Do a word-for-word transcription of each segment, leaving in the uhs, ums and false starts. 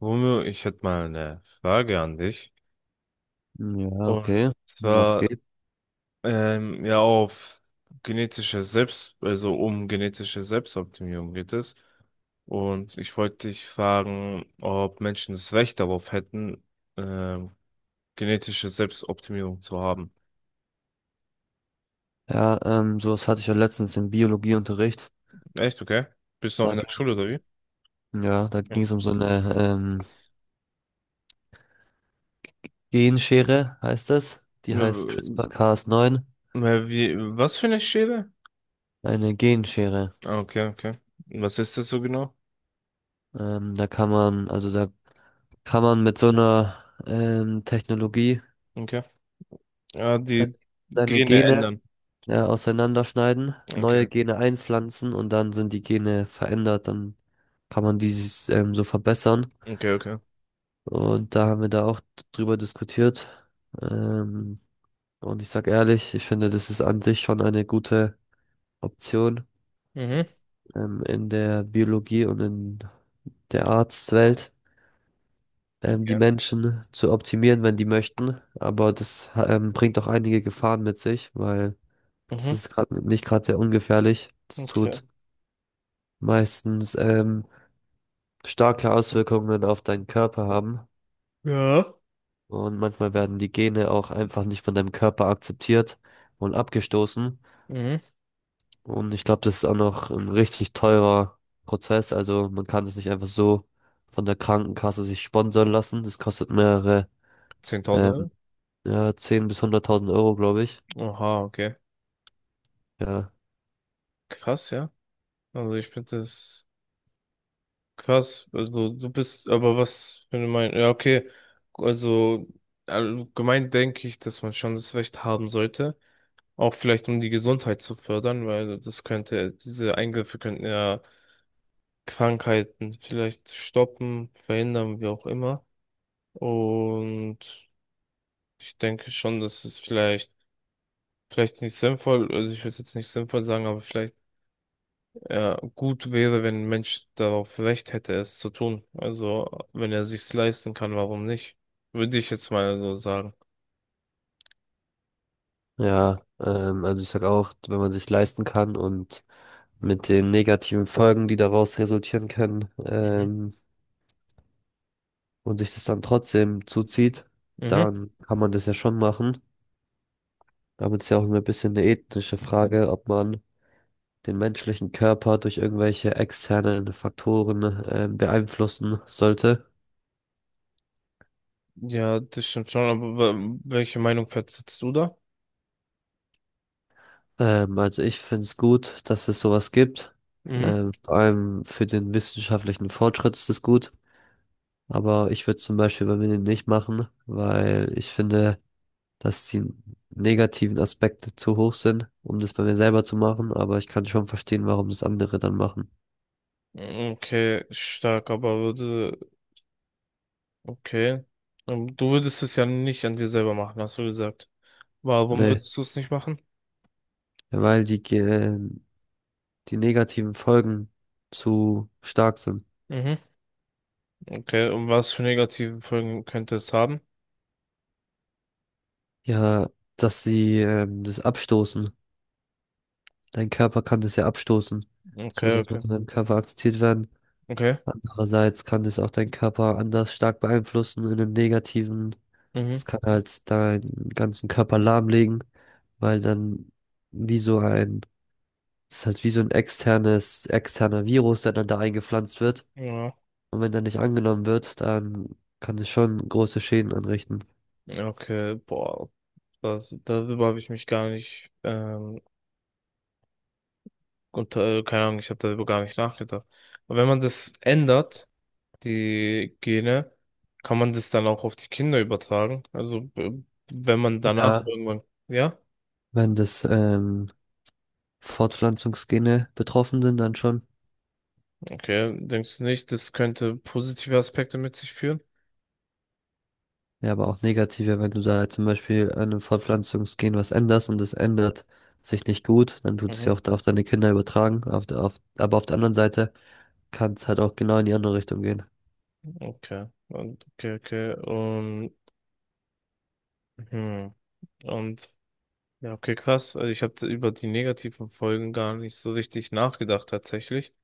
Romeo, ich hätte mal eine Frage an dich. Ja, Und okay. Was zwar, geht? ähm, ja, auf genetische Selbst, also um genetische Selbstoptimierung geht es. Und ich wollte dich fragen, ob Menschen das Recht darauf hätten, ähm, genetische Selbstoptimierung zu haben. Ja, ähm, sowas hatte ich ja letztens im Biologieunterricht. Echt, okay? Bist du noch Da in der ging Schule es oder um, wie? ja, da ging Ja. es um so eine ähm, Genschere, heißt das. Die heißt Äh, CRISPR-C A S neun, äh, Wie, was für eine Schere? eine Genschere. Ah, okay, okay. Was ist das so genau? Ähm, da kann man, also da kann man mit so einer ähm, Technologie Okay. Ja, seine, die seine Gene Gene ändern. ja, auseinanderschneiden, neue Okay, Gene einpflanzen und dann sind die Gene verändert, dann kann man die ähm, so verbessern. okay, okay. Und da haben wir da auch drüber diskutiert. Ähm, und ich sag ehrlich, ich finde, das ist an sich schon eine gute Option, Mhm. ähm, in der Biologie und in der Arztwelt, ähm, die Okay. Menschen zu optimieren, wenn die möchten. Aber das, ähm, bringt auch einige Gefahren mit sich, weil das Mhm. ist gerade nicht gerade sehr ungefährlich. Das Okay. tut meistens, ähm, starke Auswirkungen auf deinen Körper haben. Ja. Und manchmal werden die Gene auch einfach nicht von deinem Körper akzeptiert und abgestoßen. Mhm. Und ich glaube, das ist auch noch ein richtig teurer Prozess. Also man kann das nicht einfach so von der Krankenkasse sich sponsern lassen. Das kostet mehrere, Zehntausend Euro? ähm, ja, zehn bis hunderttausend Euro, glaube ich. Oha, okay. Ja, Krass, ja. Also ich finde das krass. Also du bist, aber was für eine Meinung? Ja, okay. Also allgemein denke ich, dass man schon das Recht haben sollte. Auch vielleicht, um die Gesundheit zu fördern, weil das könnte, diese Eingriffe könnten ja Krankheiten vielleicht stoppen, verhindern, wie auch immer. Und ich denke schon, dass es vielleicht vielleicht nicht sinnvoll, also ich würde es jetzt nicht sinnvoll sagen, aber vielleicht ja, gut wäre, wenn ein Mensch darauf Recht hätte, es zu tun. Also wenn er sich's leisten kann, warum nicht? Würde ich jetzt mal so sagen. ja. Ähm, also ich sag auch, wenn man sich leisten kann und mit den negativen Folgen, die daraus resultieren können, Mhm. ähm, und sich das dann trotzdem zuzieht, Mhm. dann kann man das ja schon machen. Damit ist ja auch ein bisschen eine ethische Frage, ob man den menschlichen Körper durch irgendwelche externen Faktoren ähm, beeinflussen sollte. Ja, das stimmt schon, aber wa- welche Meinung vertrittst du da? Ähm, also ich finde es gut, dass es sowas gibt. Mhm. Ähm, vor allem für den wissenschaftlichen Fortschritt ist es gut. Aber ich würde zum Beispiel bei mir nicht machen, weil ich finde, dass die negativen Aspekte zu hoch sind, um das bei mir selber zu machen. Aber ich kann schon verstehen, warum das andere dann machen. Okay, stark, aber würde, okay. Ähm, du würdest es ja nicht an dir selber machen, hast du gesagt. Warum Nee, würdest du es nicht machen? weil die, Ge- die negativen Folgen zu stark sind. Mhm. Okay, und was für negative Folgen könnte es haben? Ja, dass sie ähm, das abstoßen. Dein Körper kann das ja abstoßen. Das muss Okay, erstmal okay, von deinem Körper akzeptiert werden. okay. Andererseits kann das auch deinen Körper anders stark beeinflussen in den negativen. Mhm. Das kann halt deinen ganzen Körper lahmlegen, weil dann wie so ein, das ist halt wie so ein externes, externer Virus, der dann da eingepflanzt wird. Ja. Und wenn der nicht angenommen wird, dann kann es schon große Schäden anrichten. Ja, okay, boah. Das, darüber habe ich mich gar nicht, ähm, unter, äh, keine Ahnung, ich habe darüber gar nicht nachgedacht. Aber wenn man das ändert, die Gene, kann man das dann auch auf die Kinder übertragen? Also, b- wenn man danach Ja. irgendwann, ja? Wenn das ähm, Fortpflanzungsgene betroffen sind, dann schon. Okay, denkst du nicht, das könnte positive Aspekte mit sich führen? Ja, aber auch negative, wenn du da zum Beispiel an einem Fortpflanzungsgen was änderst und es ändert sich nicht gut, dann tut es ja Mhm. auch auf deine Kinder übertragen. Auf der, auf, aber auf der anderen Seite kann es halt auch genau in die andere Richtung gehen. Okay. Und, okay, okay. Und, hm. Und Ja, okay, krass. Also ich habe über die negativen Folgen gar nicht so richtig nachgedacht tatsächlich.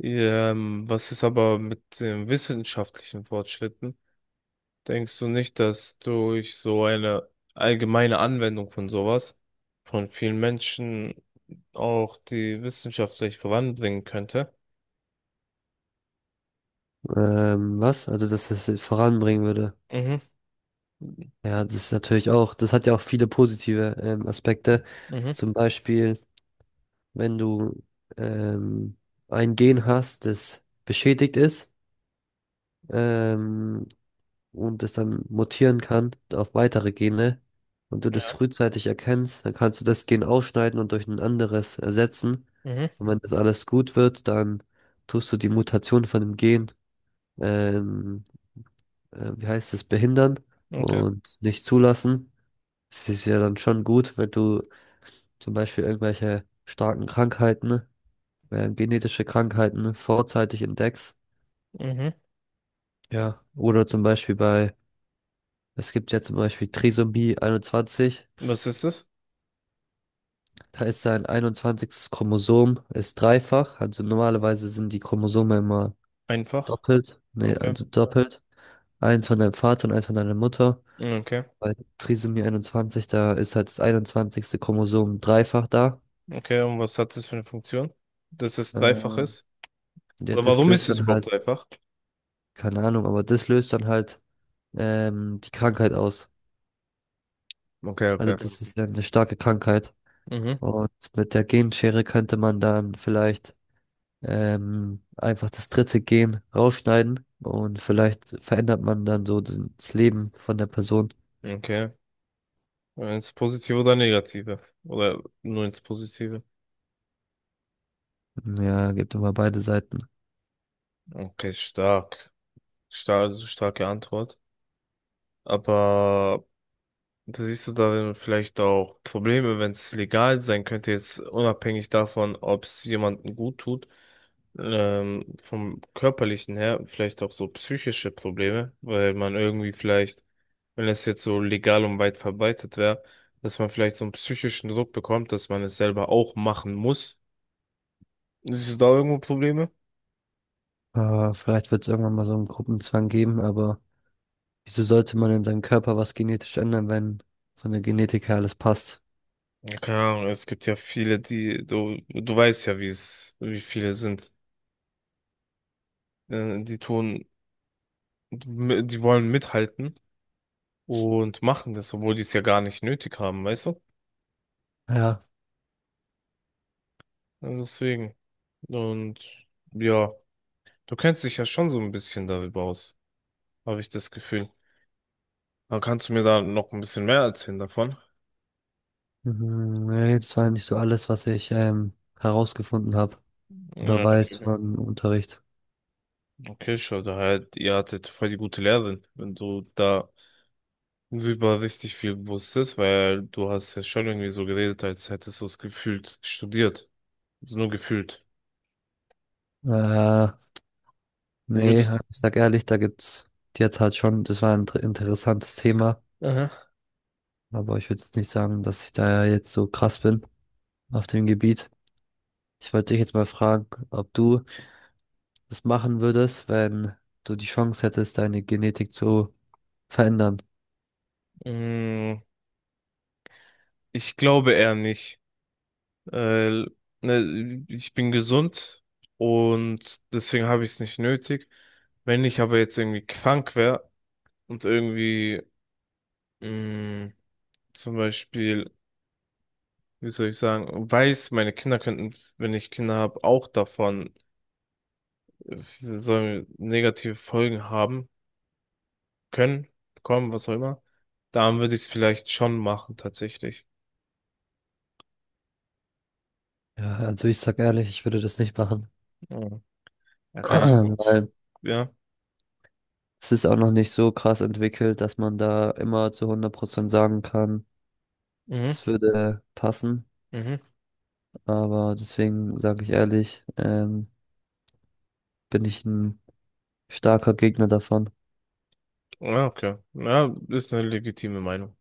Ähm, was ist aber mit den wissenschaftlichen Fortschritten? Denkst du nicht, dass durch so eine allgemeine Anwendung von sowas von vielen Menschen auch die wissenschaftlich voranbringen könnte? Ähm, was? Also, dass es voranbringen würde. Mhm. Ja, das ist natürlich auch, das hat ja auch viele positive ähm, Aspekte. Mhm. Zum Beispiel, wenn du ähm, ein Gen hast, das beschädigt ist, ähm, und es dann mutieren kann auf weitere Gene und du das Ja. frühzeitig erkennst, dann kannst du das Gen ausschneiden und durch ein anderes ersetzen. Mhm. Und wenn das alles gut wird, dann tust du die Mutation von dem Gen, ähm, äh, wie heißt es, behindern Okay. und nicht zulassen. Das ist ja dann schon gut, wenn du zum Beispiel irgendwelche starken Krankheiten, äh, genetische Krankheiten vorzeitig entdeckst. Mhm. Ja, oder zum Beispiel bei, es gibt ja zum Beispiel Trisomie einundzwanzig. Was ist das? Da ist sein einundzwanzigstes Chromosom, ist dreifach. Also normalerweise sind die Chromosome immer Einfach. doppelt. Nee, Okay. also doppelt. Eins von deinem Vater und eins von deiner Mutter. Okay. Bei Trisomie einundzwanzig, da ist halt das einundzwanzigste Chromosom dreifach da. Okay. Und was hat das für eine Funktion? Dass es dreifach Äh, ist? ja, Oder das warum ist löst es dann überhaupt halt, dreifach? keine Ahnung, aber das löst dann halt ähm, die Krankheit aus. Okay, Also okay. das ist ja eine starke Krankheit. Mhm. Und mit der Genschere könnte man dann vielleicht ähm, einfach das dritte Gen rausschneiden und vielleicht verändert man dann so das Leben von der Person. Okay. Ins Positive oder Negative? Oder nur ins Positive? Ja, gibt immer beide Seiten. Okay, stark. Stark, also starke Antwort. Aber da siehst du darin vielleicht auch Probleme, wenn es legal sein könnte, jetzt unabhängig davon, ob es jemandem gut tut, ähm, vom körperlichen her, vielleicht auch so psychische Probleme, weil man irgendwie vielleicht, wenn es jetzt so legal und weit verbreitet wäre, dass man vielleicht so einen psychischen Druck bekommt, dass man es selber auch machen muss. Siehst du da irgendwo Probleme? Äh, vielleicht wird es irgendwann mal so einen Gruppenzwang geben, aber wieso sollte man in seinem Körper was genetisch ändern, wenn von der Genetik her alles passt? Ja, keine Ahnung, es gibt ja viele, die, du, du weißt ja, wie es, wie viele sind, äh, die tun, die wollen mithalten. Und machen das, obwohl die es ja gar nicht nötig haben, weißt du? Ja, Und deswegen. Und ja, du kennst dich ja schon so ein bisschen darüber aus, habe ich das Gefühl. Aber kannst du mir da noch ein bisschen mehr erzählen davon? mhm, nee, das war nicht so alles, was ich ähm, herausgefunden habe oder Ja, okay, weiß okay. von Unterricht. Okay, schau, da halt, ihr hattet voll die gute Lehrerin, wenn du da über richtig viel wusstest, weil du hast ja schon irgendwie so geredet, als hättest du es gefühlt studiert. Also nur gefühlt. Äh, nee, Würdest. ich sag ehrlich, da gibt's jetzt halt schon, das war ein dr- interessantes Thema. Aha. Aber ich würde jetzt nicht sagen, dass ich da ja jetzt so krass bin auf dem Gebiet. Ich wollte dich jetzt mal fragen, ob du das machen würdest, wenn du die Chance hättest, deine Genetik zu verändern. Mm. Ich glaube eher nicht. Äh, ne, ich bin gesund und deswegen habe ich es nicht nötig. Wenn ich aber jetzt irgendwie krank wäre und irgendwie mh, zum Beispiel, wie soll ich sagen, weiß, meine Kinder könnten, wenn ich Kinder habe, auch davon äh, sie sollen negative Folgen haben können, bekommen, was auch immer, dann würde ich es vielleicht schon machen, tatsächlich. Ja, also ich sag ehrlich, ich würde das nicht machen, Ja, ja, keine Ahnung. weil Ja. es ist auch noch nicht so krass entwickelt, dass man da immer zu hundert Prozent sagen kann, Mhm. das würde passen. Mhm. Aber deswegen sage ich ehrlich, ähm, bin ich ein starker Gegner davon. Ja, okay. Ja, ist eine legitime Meinung.